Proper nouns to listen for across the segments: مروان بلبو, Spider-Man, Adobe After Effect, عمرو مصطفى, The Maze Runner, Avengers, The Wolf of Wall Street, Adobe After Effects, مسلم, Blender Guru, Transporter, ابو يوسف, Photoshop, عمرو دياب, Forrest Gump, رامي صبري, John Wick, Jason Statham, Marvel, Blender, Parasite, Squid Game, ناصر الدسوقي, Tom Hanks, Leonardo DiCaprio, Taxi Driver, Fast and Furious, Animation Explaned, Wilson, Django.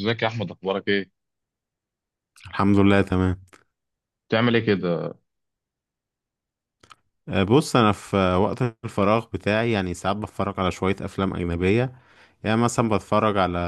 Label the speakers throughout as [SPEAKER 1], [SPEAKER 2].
[SPEAKER 1] ازيك يا احمد، اخبارك ايه؟
[SPEAKER 2] الحمد لله تمام.
[SPEAKER 1] بتعمل ايه كده؟
[SPEAKER 2] بص انا في وقت الفراغ بتاعي، يعني ساعات بتفرج على شوية افلام اجنبية. يعني مثلا بتفرج على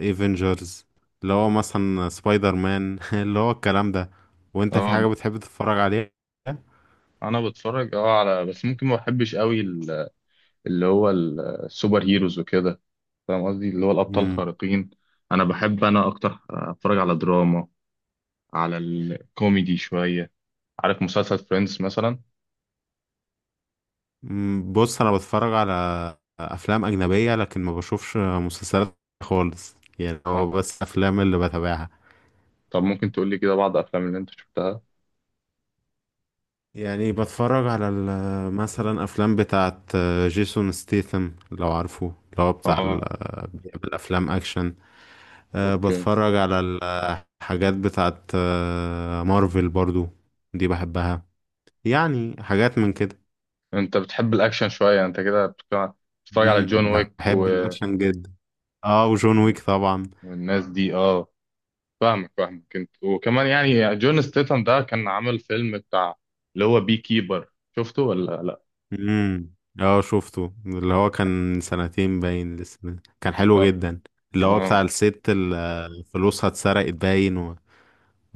[SPEAKER 2] ايفنجرز اللي هو مثلا سبايدر مان اللي هو الكلام ده. وانت في
[SPEAKER 1] اه،
[SPEAKER 2] حاجة بتحب تتفرج عليها؟
[SPEAKER 1] انا بتفرج على، بس ممكن ما بحبش قوي اللي هو السوبر هيروز وكده. فاهم قصدي؟ اللي هو الابطال
[SPEAKER 2] مم.
[SPEAKER 1] الخارقين. انا بحب، انا اكتر اتفرج على دراما، على الكوميدي شويه. عارف مسلسل فريندز مثلا؟
[SPEAKER 2] بص انا بتفرج على افلام اجنبية، لكن ما بشوفش مسلسلات خالص، يعني
[SPEAKER 1] اه.
[SPEAKER 2] هو بس افلام اللي بتابعها.
[SPEAKER 1] طب ممكن تقول لي كده بعض الافلام اللي انت شفتها؟
[SPEAKER 2] يعني بتفرج على مثلا افلام بتاعت جيسون ستيثم لو عارفه، اللي هو بتاع
[SPEAKER 1] اه.
[SPEAKER 2] بيعمل افلام اكشن.
[SPEAKER 1] اوكي.
[SPEAKER 2] بتفرج على الحاجات بتاعت مارفل برضو، دي بحبها، يعني حاجات من كده.
[SPEAKER 1] انت بتحب الاكشن شويه، انت كده بتتفرج على جون ويك
[SPEAKER 2] بحب الاكشن جدا. اه، وجون ويك طبعا.
[SPEAKER 1] والناس دي، اه. فاهمك، فاهمك، انت وكمان يعني جون ستيتم ده كان عامل فيلم بتاع اللي هو بي كيبر. شفته ولا لا؟
[SPEAKER 2] امم، اه شفته، اللي هو كان سنتين باين لسه، كان حلو
[SPEAKER 1] اه،
[SPEAKER 2] جدا. اللي هو
[SPEAKER 1] اه.
[SPEAKER 2] بتاع الست اللي فلوسها اتسرقت باين.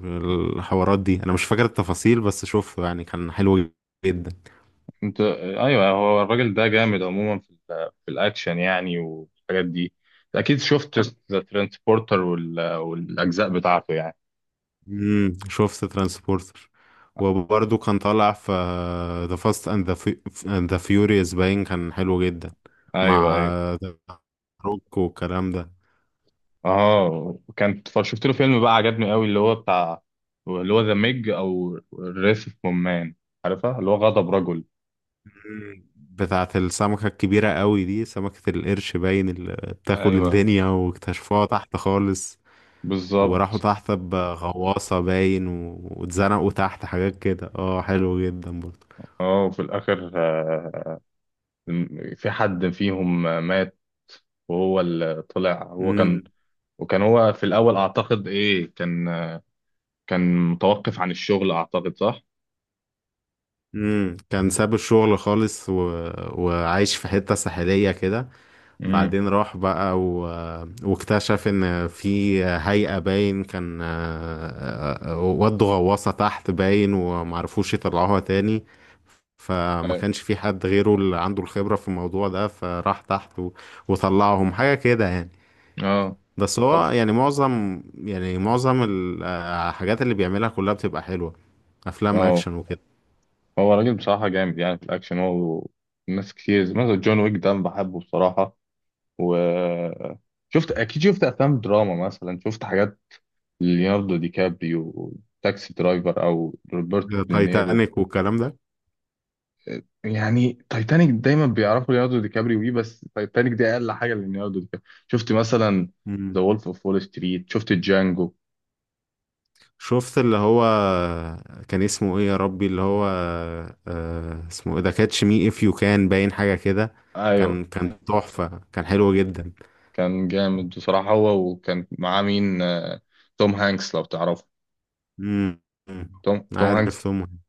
[SPEAKER 2] الحوارات دي انا مش فاكر التفاصيل، بس شفته يعني كان حلو جدا.
[SPEAKER 1] انت، ايوه، هو الراجل ده جامد عموما في الاكشن يعني والحاجات دي. اكيد شفت ذا ترانسبورتر والاجزاء بتاعته يعني.
[SPEAKER 2] شفت ترانسبورتر، وبرضه كان طالع في ذا فاست اند ذا فيوريوس باين، كان حلو جدا
[SPEAKER 1] ايوه،
[SPEAKER 2] مع
[SPEAKER 1] ايوه.
[SPEAKER 2] ذا روك والكلام ده.
[SPEAKER 1] اه، شفت له فيلم بقى عجبني قوي اللي هو بتاع اللي هو ذا ميج او الريس اوف مومان. عارفها؟ اللي هو غضب رجل.
[SPEAKER 2] مم. بتاعة السمكة الكبيرة قوي دي، سمكة القرش باين اللي بتاكل
[SPEAKER 1] ايوه،
[SPEAKER 2] الدنيا واكتشفوها تحت خالص، وراحوا
[SPEAKER 1] بالظبط.
[SPEAKER 2] تحت بغواصة باين واتزنقوا تحت حاجات كده، اه حلو جدا برضه.
[SPEAKER 1] اه، وفي الاخر في حد فيهم مات، وهو اللي طلع هو كان.
[SPEAKER 2] مم.
[SPEAKER 1] وكان هو في الأول، أعتقد إيه كان، كان متوقف عن الشغل، أعتقد؟ صح؟
[SPEAKER 2] كان ساب الشغل خالص، و... وعايش في حتة ساحلية كده.
[SPEAKER 1] امم.
[SPEAKER 2] بعدين راح بقى، و... واكتشف ان في هيئة باين كان ودوا غواصة تحت باين ومعرفوش يطلعوها تاني. فما كانش في حد غيره اللي عنده الخبرة في الموضوع ده، فراح تحت و... وطلعهم حاجة كده يعني.
[SPEAKER 1] اه.
[SPEAKER 2] بس
[SPEAKER 1] طب،
[SPEAKER 2] هو يعني معظم الحاجات اللي بيعملها كلها بتبقى حلوة، أفلام
[SPEAKER 1] اه
[SPEAKER 2] أكشن وكده.
[SPEAKER 1] هو راجل بصراحة جامد يعني في الأكشن، هو ناس كتير زي مثلا جون ويك ده أنا بحبه بصراحة. و، شفت، أكيد شفت أفلام دراما، مثلا شفت حاجات ليوناردو دي كابريو، تاكسي درايفر، أو روبرتو دينيرو.
[SPEAKER 2] تايتانيك والكلام ده.
[SPEAKER 1] يعني تايتانيك دايما بيعرفوا ليوناردو دي كابريو بيه، بس تايتانيك دي اقل حاجه لليوناردو دي كابريو. شفت مثلا ذا
[SPEAKER 2] مم.
[SPEAKER 1] وولف اوف وول ستريت؟ شفت جانجو؟
[SPEAKER 2] شفت اللي هو كان اسمه ايه يا ربي، اللي هو آه اسمه ايه ده، كاتش مي اف يو كان باين، حاجة كده.
[SPEAKER 1] ايوه،
[SPEAKER 2] كان تحفة، كان حلو جدا.
[SPEAKER 1] كان جامد بصراحه، هو وكان معاه مين توم هانكس، لو تعرفه؟
[SPEAKER 2] مم. مم.
[SPEAKER 1] توم هانكس.
[SPEAKER 2] عارف توم هانكس.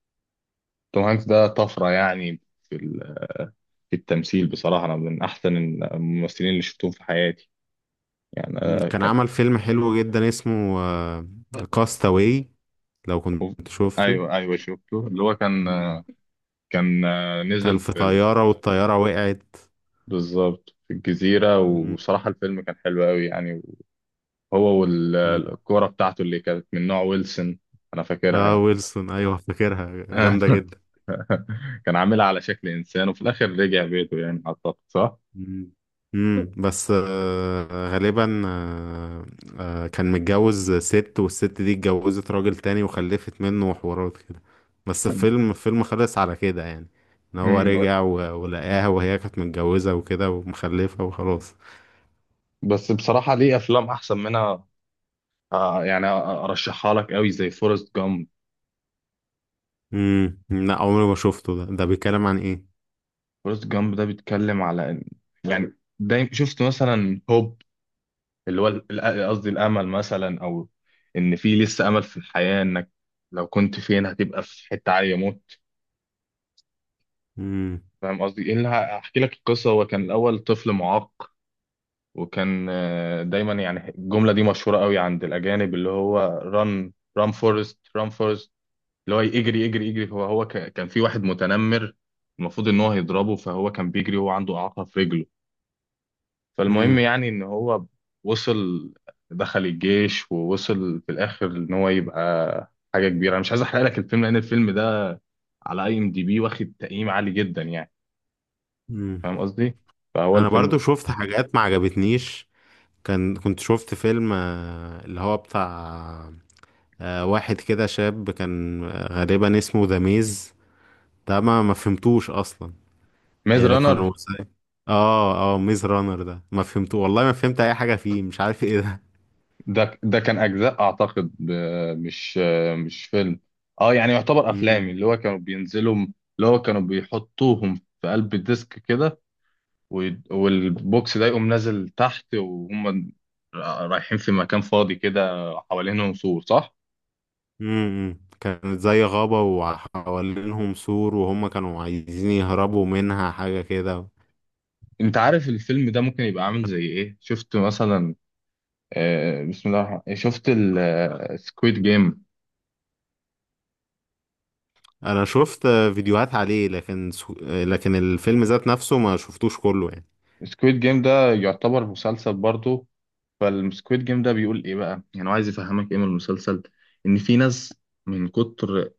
[SPEAKER 1] توم هانكس ده طفره يعني في ال- في التمثيل، بصراحه انا من احسن الممثلين اللي شفتهم في حياتي. يعني
[SPEAKER 2] مم. كان
[SPEAKER 1] كان.
[SPEAKER 2] عمل فيلم حلو جدا اسمه كاستاوي، لو
[SPEAKER 1] أوف.
[SPEAKER 2] كنت شفته.
[SPEAKER 1] ايوه، ايوه، شفته اللي هو كان
[SPEAKER 2] مم. كان
[SPEAKER 1] نزل
[SPEAKER 2] في
[SPEAKER 1] في،
[SPEAKER 2] طيارة والطيارة وقعت.
[SPEAKER 1] بالظبط، في الجزيرة.
[SPEAKER 2] مم.
[SPEAKER 1] وصراحة الفيلم كان حلو قوي يعني، هو
[SPEAKER 2] مم.
[SPEAKER 1] والكورة بتاعته اللي كانت من نوع ويلسون. أنا فاكرها
[SPEAKER 2] اه
[SPEAKER 1] يعني.
[SPEAKER 2] ويلسون، ايوه فاكرها جامدة جدا.
[SPEAKER 1] كان عاملها على شكل إنسان، وفي الآخر رجع بيته يعني، أعتقد؟ صح؟
[SPEAKER 2] مم. مم. بس غالبا كان متجوز ست، والست دي اتجوزت راجل تاني وخلفت منه وحوارات كده. بس الفيلم الفيلم خلص على كده يعني، ان هو
[SPEAKER 1] مم.
[SPEAKER 2] رجع ولقاها وهي كانت متجوزة وكده ومخلفة وخلاص.
[SPEAKER 1] بس بصراحة ليه أفلام أحسن منها. يعني أرشحها لك قوي زي فورست جامب.
[SPEAKER 2] مم. لا، عمري ما شفته، ده بيتكلم عن ايه؟
[SPEAKER 1] فورست جامب ده بيتكلم على يعني دايما، شفت مثلا هوب، اللي هو قصدي الامل مثلا، او ان في لسه امل في الحياه، انك لو كنت فين هتبقى في حته عاليه موت.
[SPEAKER 2] مم.
[SPEAKER 1] فاهم قصدي؟ ايه اللي هحكي لك القصه. هو كان الاول طفل معاق، وكان دايما، يعني الجمله دي مشهوره قوي عند الاجانب اللي هو: ران، ران فورست، ران فورست، اللي هو يجري يجري يجري. هو كان في واحد متنمر، المفروض ان هو هيضربه، فهو كان بيجري وهو عنده اعاقه في رجله. فالمهم
[SPEAKER 2] مم.
[SPEAKER 1] يعني ان هو وصل، دخل الجيش، ووصل في الاخر ان هو يبقى حاجه كبيره. انا مش عايز احرق لك الفيلم لان الفيلم ده على IMDB واخد تقييم عالي جدا يعني.
[SPEAKER 2] مم.
[SPEAKER 1] فاهم قصدي؟ فهو
[SPEAKER 2] انا
[SPEAKER 1] الفيلم،
[SPEAKER 2] برضو شفت حاجات ما عجبتنيش. كنت شفت فيلم اللي هو بتاع واحد كده شاب، كان غالبا اسمه ذا ميز، ده ما فهمتوش اصلا.
[SPEAKER 1] ميز
[SPEAKER 2] يعني
[SPEAKER 1] رانر
[SPEAKER 2] كانوا اه اه ميز رانر ده ما فهمته والله، ما فهمت اي حاجه فيه، مش عارف ايه ده.
[SPEAKER 1] ده كان اجزاء، اعتقد مش فيلم. اه، يعني يعتبر افلام
[SPEAKER 2] مم.
[SPEAKER 1] اللي هو كانوا بينزلوا، اللي هو كانوا بيحطوهم في قلب الديسك كده، والبوكس ده يقوم نازل تحت، وهم رايحين في مكان فاضي كده، حوالينهم سور، صح؟
[SPEAKER 2] مم. كانت زي غابه وحوالينهم سور، وهم كانوا عايزين يهربوا منها، حاجه كده.
[SPEAKER 1] انت عارف الفيلم ده ممكن يبقى عامل زي ايه؟ شفت مثلا بسم الله الرحمن الرحيم، شفت السكويد جيم؟
[SPEAKER 2] انا شفت فيديوهات عليه، لكن سو... آه، لكن الفيلم ذات نفسه ما شفتوش كله يعني.
[SPEAKER 1] السكويد جيم ده يعتبر مسلسل برضه. فالسكويد جيم ده بيقول ايه بقى؟ يعني هو عايز يفهمك ايه من المسلسل؟ ان في ناس من كتر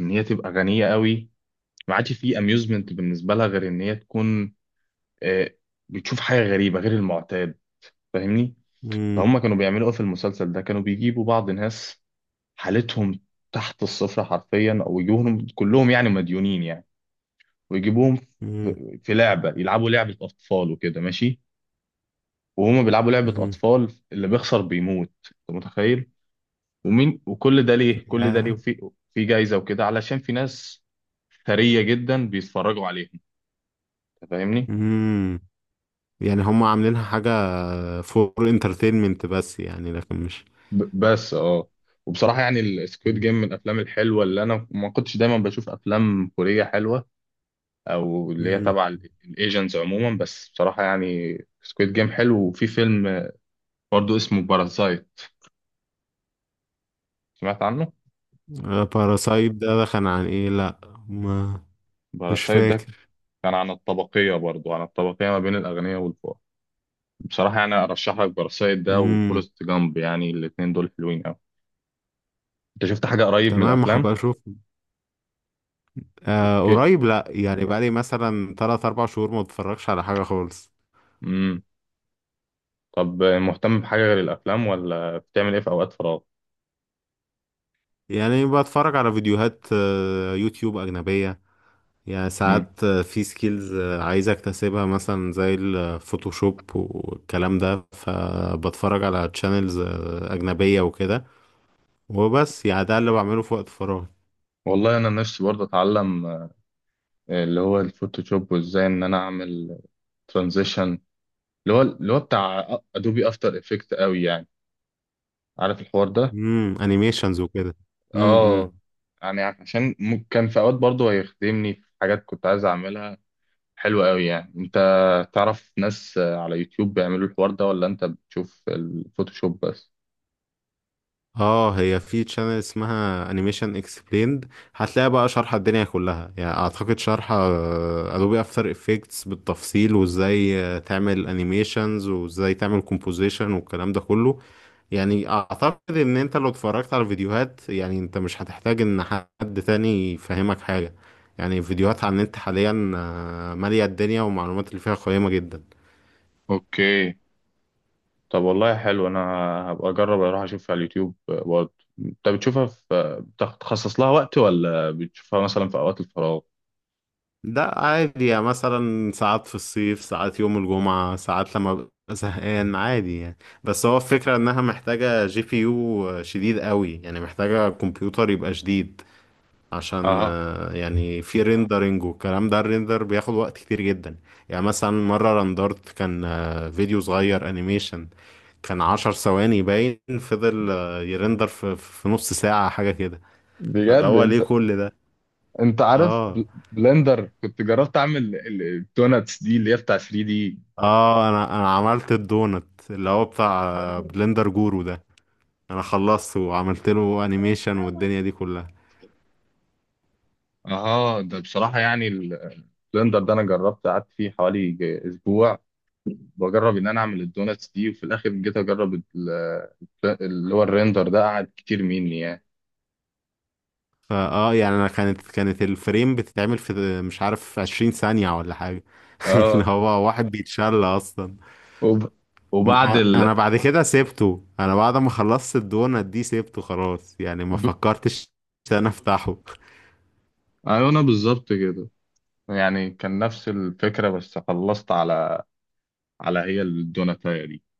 [SPEAKER 1] ان هي تبقى غنية قوي، ما عادش في اميوزمنت بالنسبة لها غير ان هي تكون آه، بتشوف حاجة غريبة غير المعتاد. فاهمني؟
[SPEAKER 2] مم.
[SPEAKER 1] فهم كانوا بيعملوا ايه في المسلسل ده؟ كانوا بيجيبوا بعض ناس حالتهم تحت الصفر حرفيا، او يجيبوهم كلهم يعني مديونين يعني، ويجيبوهم في
[SPEAKER 2] مم.
[SPEAKER 1] في لعبه، يلعبوا لعبه اطفال وكده، ماشي. وهما بيلعبوا لعبه
[SPEAKER 2] مم.
[SPEAKER 1] اطفال، اللي بيخسر بيموت. انت متخيل؟ ومين، وكل ده ليه، كل ده ليه،
[SPEAKER 2] يا.
[SPEAKER 1] وفي في جايزه وكده، علشان في ناس ثريه جدا بيتفرجوا عليهم. انت فاهمني؟
[SPEAKER 2] مم. يعني هم عاملينها حاجة فور انترتينمنت بس يعني، لكن مش.
[SPEAKER 1] بس اه. وبصراحه يعني السكويد
[SPEAKER 2] مم.
[SPEAKER 1] جيم من الافلام الحلوه. اللي انا ما كنتش دايما بشوف افلام كوريه حلوه، او اللي هي
[SPEAKER 2] مهم.
[SPEAKER 1] تبع الايجنتس عموما، بس بصراحه يعني سكويد جيم حلو. وفي فيلم برضو اسمه باراسايت، سمعت عنه؟
[SPEAKER 2] باراسايت ده كان عن ايه؟ لا، ما مش
[SPEAKER 1] باراسايت ده
[SPEAKER 2] فاكر.
[SPEAKER 1] كان عن الطبقيه، برضو عن الطبقيه ما بين الاغنياء والفقراء. بصراحه يعني ارشح لك باراسايت ده
[SPEAKER 2] امم.
[SPEAKER 1] وفورست جامب، يعني الاتنين دول حلوين قوي. انت شفت حاجه قريب من
[SPEAKER 2] تمام،
[SPEAKER 1] الافلام؟
[SPEAKER 2] هبقى اشوف.
[SPEAKER 1] اوكي.
[SPEAKER 2] قريب لا، يعني بقالي مثلا 3 4 شهور ما بتفرجش على حاجة خالص.
[SPEAKER 1] امم. طب، مهتم بحاجه غير الافلام، ولا بتعمل ايه في اوقات فراغ؟
[SPEAKER 2] يعني بتفرج على فيديوهات يوتيوب أجنبية. يعني
[SPEAKER 1] امم.
[SPEAKER 2] ساعات في سكيلز عايز اكتسبها، مثلا زي الفوتوشوب والكلام ده، فبتفرج على تشانلز أجنبية وكده. وبس يعني ده اللي بعمله في وقت فراغي.
[SPEAKER 1] والله انا نفسي برضه اتعلم اللي هو الفوتوشوب، وازاي ان انا اعمل ترانزيشن، اللي هو بتاع ادوبي افتر افكت قوي يعني. عارف الحوار ده؟
[SPEAKER 2] امم، انيميشنز وكده. امم. امم.
[SPEAKER 1] اه، يعني عشان كان في اوقات برضه هيخدمني في حاجات كنت عايز اعملها، حلوة قوي يعني. انت تعرف ناس على يوتيوب بيعملوا الحوار ده، ولا انت بتشوف الفوتوشوب بس؟
[SPEAKER 2] اه، هي في تشانل اسمها انيميشن اكسبليند، هتلاقي بقى شرح الدنيا كلها. يعني اعتقد شرح ادوبي افتر افكتس بالتفصيل، وازاي تعمل انيميشنز وازاي تعمل كومبوزيشن والكلام ده كله. يعني اعتقد ان انت لو اتفرجت على فيديوهات، يعني انت مش هتحتاج ان حد تاني يفهمك حاجة. يعني فيديوهات عن النت حاليا مالية الدنيا والمعلومات اللي فيها قيمة جدا.
[SPEAKER 1] اوكي، طب والله حلو. انا هبقى اجرب اروح اشوفها على اليوتيوب برضه. انت بتشوفها بتخصص لها وقت، ولا بتشوفها مثلا في اوقات الفراغ؟
[SPEAKER 2] ده عادي يعني، مثلا ساعات في الصيف، ساعات يوم الجمعة، ساعات لما ببقى زهقان، عادي يعني. بس هو الفكرة انها محتاجة جي بي يو شديد قوي، يعني محتاجة كمبيوتر يبقى شديد، عشان
[SPEAKER 1] اه،
[SPEAKER 2] يعني في ريندرنج والكلام ده، الريندر بياخد وقت كتير جدا. يعني مثلا مرة رندرت كان فيديو صغير انيميشن، كان 10 ثواني باين، فضل يرندر في نص ساعة حاجة كده. فاللي
[SPEAKER 1] بجد.
[SPEAKER 2] هو ليه
[SPEAKER 1] انت
[SPEAKER 2] كل ده؟
[SPEAKER 1] انت عارف
[SPEAKER 2] اه
[SPEAKER 1] بلندر، كنت جربت اعمل الدوناتس دي اللي هي بتاع 3D.
[SPEAKER 2] اه، انا عملت الدونت، اللي هو بتاع بلندر جورو ده. انا خلصته وعملت له انيميشن والدنيا دي كلها.
[SPEAKER 1] اها، ده بصراحه يعني البلندر ده، انا جربت قعدت فيه حوالي اسبوع، بجرب ان انا اعمل الدوناتس دي، وفي الاخر جيت اجرب اللي هو الريندر ده قعد كتير مني يعني.
[SPEAKER 2] فا اه يعني انا كانت كانت الفريم بتتعمل في مش عارف 20 ثانية ولا حاجة. اللي
[SPEAKER 1] اه.
[SPEAKER 2] هو واحد بيتشل اصلا.
[SPEAKER 1] وب...
[SPEAKER 2] م-
[SPEAKER 1] وبعد
[SPEAKER 2] انا بعد كده سيبته، انا بعد ما خلصت الدونت دي سيبته خلاص يعني، ما
[SPEAKER 1] ب...
[SPEAKER 2] فكرتش إن انا افتحه.
[SPEAKER 1] ايوه، انا بالظبط كده. يعني كان نفس الفكره، بس خلصت على هي الدوناتايه دي.